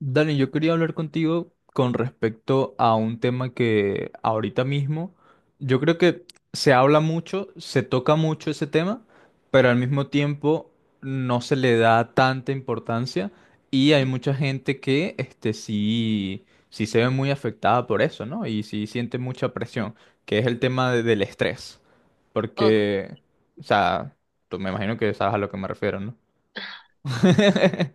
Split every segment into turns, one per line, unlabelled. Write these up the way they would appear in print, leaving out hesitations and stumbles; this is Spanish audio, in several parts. Dani, yo quería hablar contigo con respecto a un tema que ahorita mismo, yo creo que se habla mucho, se toca mucho ese tema, pero al mismo tiempo no se le da tanta importancia y hay mucha gente que sí, sí se ve muy afectada por eso, ¿no? Y sí siente mucha presión, que es el tema del estrés,
O
porque, o sea, tú me imagino que sabes a lo que me refiero, ¿no?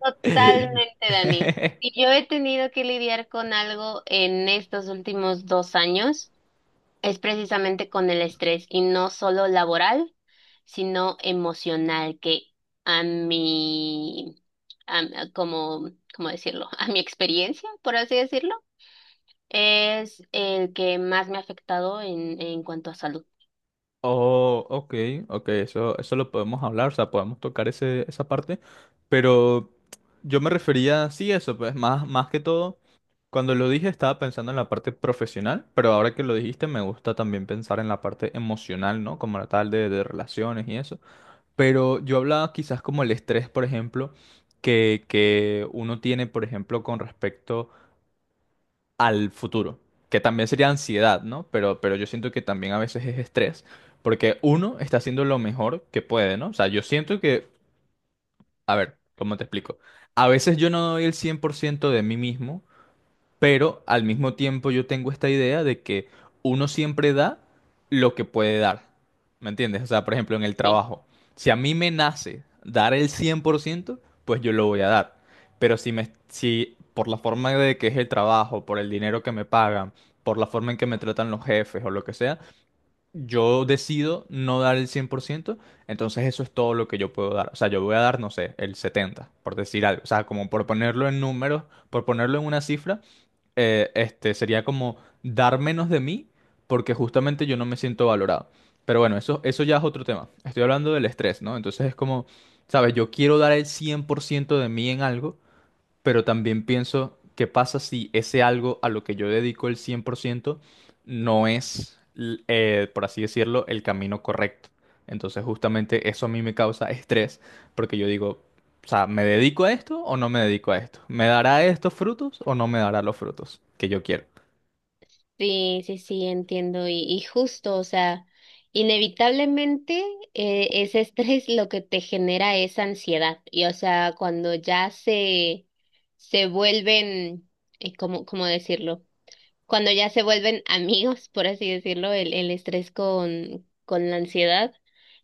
totalmente, Dani. Si yo he tenido que lidiar con algo en estos últimos dos años, es precisamente con el estrés, y no solo laboral, sino emocional, que a mi, a- como, ¿cómo decirlo? A mi experiencia, por así decirlo, es el que más me ha afectado en cuanto a salud.
Oh, ok, ok, eso lo podemos hablar, o sea, podemos tocar esa parte, pero yo me refería, sí, eso, pues más, más que todo, cuando lo dije estaba pensando en la parte profesional, pero ahora que lo dijiste me gusta también pensar en la parte emocional, ¿no? Como la tal de relaciones y eso, pero yo hablaba quizás como el estrés, por ejemplo, que uno tiene, por ejemplo, con respecto al futuro, que también sería ansiedad, ¿no? Pero yo siento que también a veces es estrés, porque uno está haciendo lo mejor que puede, ¿no? O sea, yo siento que, a ver, ¿cómo te explico? A veces yo no doy el 100% de mí mismo pero al mismo tiempo yo tengo esta idea de que uno siempre da lo que puede dar. ¿Me entiendes? O sea, por ejemplo, en el
Sí.
trabajo, si a mí me nace dar el 100% pues yo lo voy a dar. Pero si por la forma de que es el trabajo, por el dinero que me pagan, por la forma en que me tratan los jefes o lo que sea, yo decido no dar el 100% entonces eso es todo lo que yo puedo dar. O sea, yo voy a dar, no sé, el 70%, por decir algo. O sea, como por ponerlo en números, por ponerlo en una cifra, sería como dar menos de mí porque justamente yo no me siento valorado. Pero bueno, eso ya es otro tema. Estoy hablando del estrés, ¿no? Entonces es como, ¿sabes? Yo quiero dar el 100% de mí en algo, pero también pienso, ¿qué pasa si ese algo a lo que yo dedico el 100% no es, por así decirlo, el camino correcto? Entonces justamente eso a mí me causa estrés, porque yo digo, o sea, ¿me dedico a esto o no me dedico a esto? ¿Me dará estos frutos o no me dará los frutos que yo quiero?
Sí, sí, sí, entiendo. Y justo, o sea, inevitablemente ese estrés lo que te genera es ansiedad. Y o sea, se vuelven, cómo decirlo? Cuando ya se vuelven amigos, por así decirlo, el estrés con la ansiedad,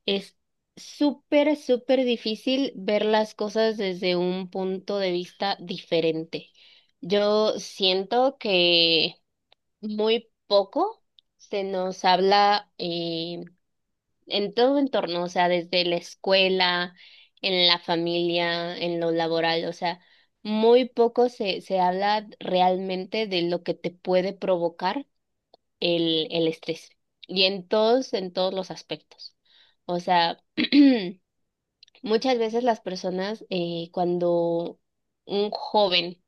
es súper, súper difícil ver las cosas desde un punto de vista diferente. Yo siento que muy poco se nos habla en todo entorno, o sea, desde la escuela, en la familia, en lo laboral, o sea, muy poco se habla realmente de lo que te puede provocar el estrés y en todos los aspectos. O sea, muchas veces las personas cuando un joven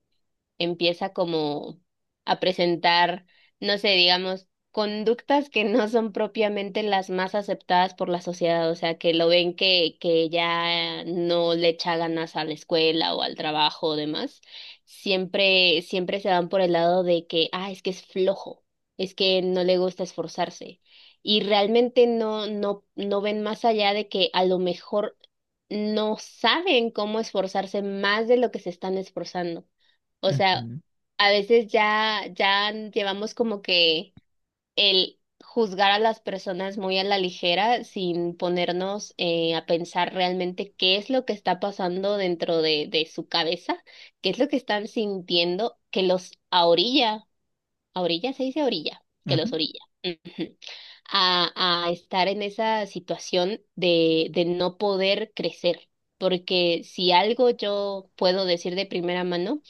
empieza como a presentar, no sé, digamos, conductas que no son propiamente las más aceptadas por la sociedad, o sea, que lo ven que ya no le echa ganas a la escuela o al trabajo o demás, siempre, siempre se van por el lado de que, ah, es que es flojo, es que no le gusta esforzarse. Y realmente no ven más allá de que a lo mejor no saben cómo esforzarse más de lo que se están esforzando. O sea,
Ujú,
a veces ya llevamos como que el juzgar a las personas muy a la ligera sin ponernos a pensar realmente qué es lo que está pasando dentro de su cabeza, qué es lo que están sintiendo que los a orilla se dice orilla, que los
ujú.
orilla. Ujú. A estar en esa situación de no poder crecer. Porque si algo yo puedo decir de primera mano,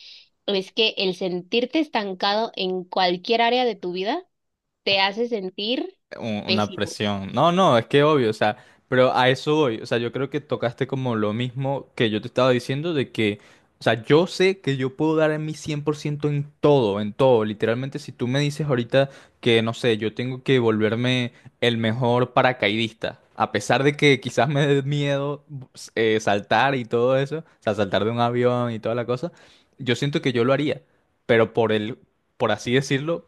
es que el sentirte estancado en cualquier área de tu vida te hace sentir
Una
pésimo.
presión. No, no, es que obvio, o sea, pero a eso voy. O sea, yo creo que tocaste como lo mismo que yo te estaba diciendo de que, o sea, yo sé que yo puedo dar en mi 100% en todo, en todo. Literalmente, si tú me dices ahorita que, no sé, yo tengo que volverme el mejor paracaidista, a pesar de que quizás me dé miedo saltar y todo eso, o sea, saltar de un avión y toda la cosa, yo siento que yo lo haría, pero por así decirlo,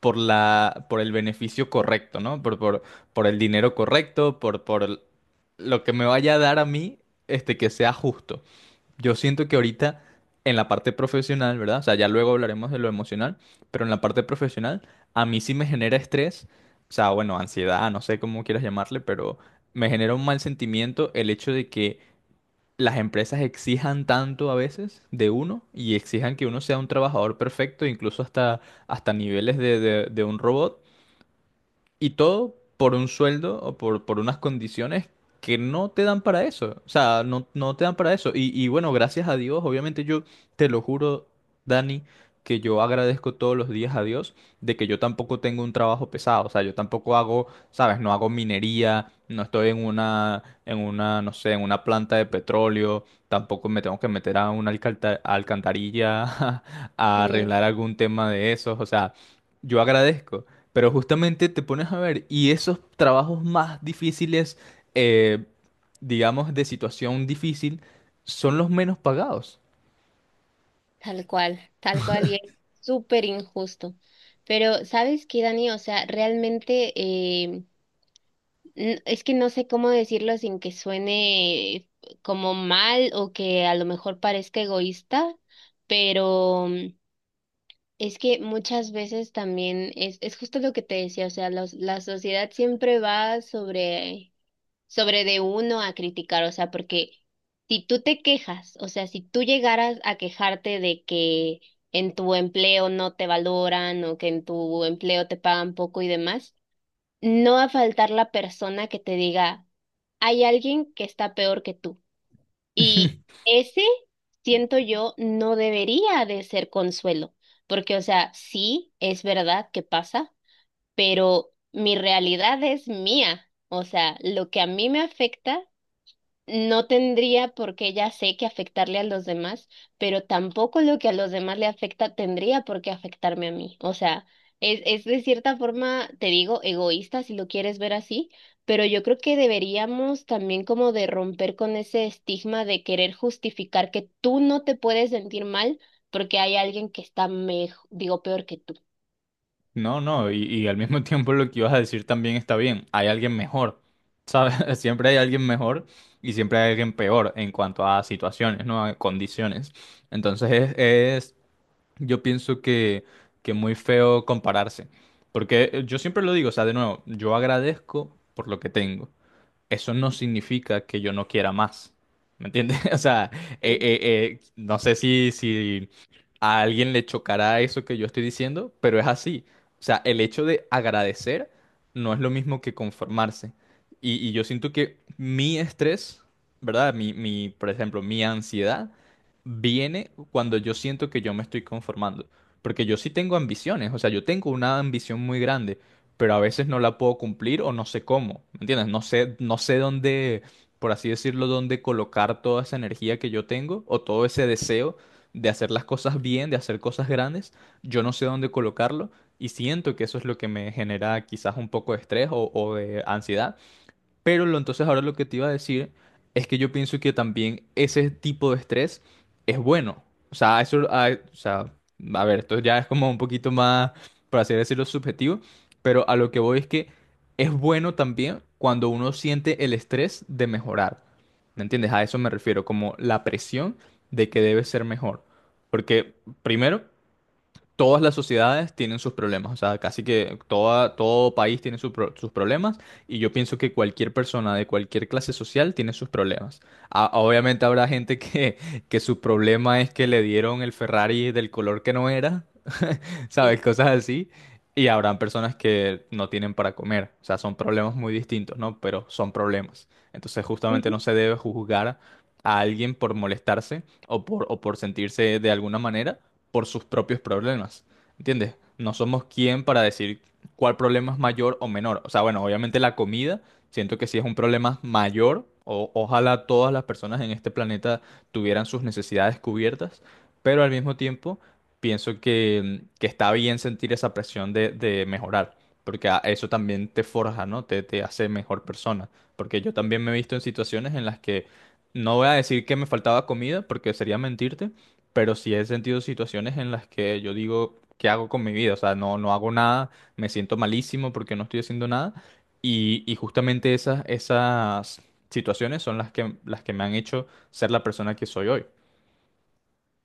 por el beneficio correcto, ¿no? Por el dinero correcto, lo que me vaya a dar a mí, que sea justo. Yo siento que ahorita en la parte profesional, ¿verdad? O sea, ya luego hablaremos de lo emocional, pero en la parte profesional a mí sí me genera estrés, o sea, bueno, ansiedad, no sé cómo quieras llamarle, pero me genera un mal sentimiento el hecho de que las empresas exijan tanto a veces de uno y exijan que uno sea un trabajador perfecto, incluso hasta, hasta niveles de un robot, y todo por un sueldo o por unas condiciones que no te dan para eso. O sea, no, no te dan para eso. Y bueno, gracias a Dios, obviamente yo te lo juro, Dani, que yo agradezco todos los días a Dios de que yo tampoco tengo un trabajo pesado. O sea, yo tampoco hago, ¿sabes? No hago minería, no estoy en una, no sé, en una planta de petróleo, tampoco me tengo que meter a una alcantarilla a
Sí,
arreglar algún tema de esos. O sea, yo agradezco. Pero justamente te pones a ver, y esos trabajos más difíciles, eh, digamos, de situación difícil, son los menos pagados.
tal cual, y es súper injusto. Pero, ¿sabes qué, Dani? O sea, realmente es que no sé cómo decirlo sin que suene como mal o que a lo mejor parezca egoísta, pero mm, es que muchas veces también es justo lo que te decía, o sea, la sociedad siempre va sobre sobre de uno a criticar, o sea, porque si tú te quejas, o sea, si tú llegaras a quejarte de que en tu empleo no te valoran o que en tu empleo te pagan poco y demás, no va a faltar la persona que te diga, hay alguien que está peor que tú. Y ese, siento yo, no debería de ser consuelo, porque, o sea, sí, es verdad que pasa, pero mi realidad es mía. O sea, lo que a mí me afecta no tendría por qué ya sé que afectarle a los demás, pero tampoco lo que a los demás le afecta tendría por qué afectarme a mí. O sea, es de cierta forma, te digo, egoísta si lo quieres ver así, pero yo creo que deberíamos también como de romper con ese estigma de querer justificar que tú no te puedes sentir mal porque hay alguien que está mejor, digo, peor que tú.
No, no, y al mismo tiempo lo que ibas a decir también está bien, hay alguien mejor, ¿sabes? Siempre hay alguien mejor y siempre hay alguien peor en cuanto a situaciones, ¿no? A condiciones. Entonces es- yo pienso que muy feo compararse, porque yo siempre lo digo, o sea, de nuevo, yo agradezco por lo que tengo. Eso no significa que yo no quiera más. ¿Me entiendes? O sea,
Mm,
no sé si a alguien le chocará eso que yo estoy diciendo, pero es así. O sea, el hecho de agradecer no es lo mismo que conformarse. Y yo siento que mi estrés, ¿verdad? Por ejemplo, mi ansiedad viene cuando yo siento que yo me estoy conformando. Porque yo sí tengo ambiciones, o sea, yo tengo una ambición muy grande pero a veces no la puedo cumplir o no sé cómo, ¿me entiendes? No sé, no sé dónde, por así decirlo, dónde colocar toda esa energía que yo tengo o todo ese deseo de hacer las cosas bien, de hacer cosas grandes, yo no sé dónde colocarlo y siento que eso es lo que me genera quizás un poco de estrés o de ansiedad, pero entonces ahora lo que te iba a decir es que yo pienso que también ese tipo de estrés es bueno. O sea, eso, o sea, a ver, esto ya es como un poquito más, por así decirlo, subjetivo, pero a lo que voy es que es bueno también cuando uno siente el estrés de mejorar. ¿Me entiendes? A eso me refiero, como la presión de que debes ser mejor. Porque primero, todas las sociedades tienen sus problemas, o sea, casi que toda, todo país tiene su sus problemas y yo pienso que cualquier persona de cualquier clase social tiene sus problemas. A- obviamente habrá gente que su problema es que le dieron el Ferrari del color que no era. ¿Sabes? Cosas así. Y habrán personas que no tienen para comer. O sea, son problemas muy distintos, ¿no? Pero son problemas. Entonces, justamente no
sí.
se debe juzgar a alguien por molestarse o por sentirse de alguna manera por sus propios problemas. ¿Entiendes? No somos quien para decir cuál problema es mayor o menor. O sea, bueno, obviamente la comida, siento que sí es un problema mayor. O, ojalá todas las personas en este planeta tuvieran sus necesidades cubiertas, pero al mismo tiempo pienso que está bien sentir esa presión de mejorar, porque a- eso también te forja, ¿no? Te hace mejor persona, porque yo también me he visto en situaciones en las que no voy a decir que me faltaba comida, porque sería mentirte, pero sí he sentido situaciones en las que yo digo, ¿qué hago con mi vida? O sea, no, no hago nada, me siento malísimo porque no estoy haciendo nada, y justamente esas situaciones son las que me han hecho ser la persona que soy hoy.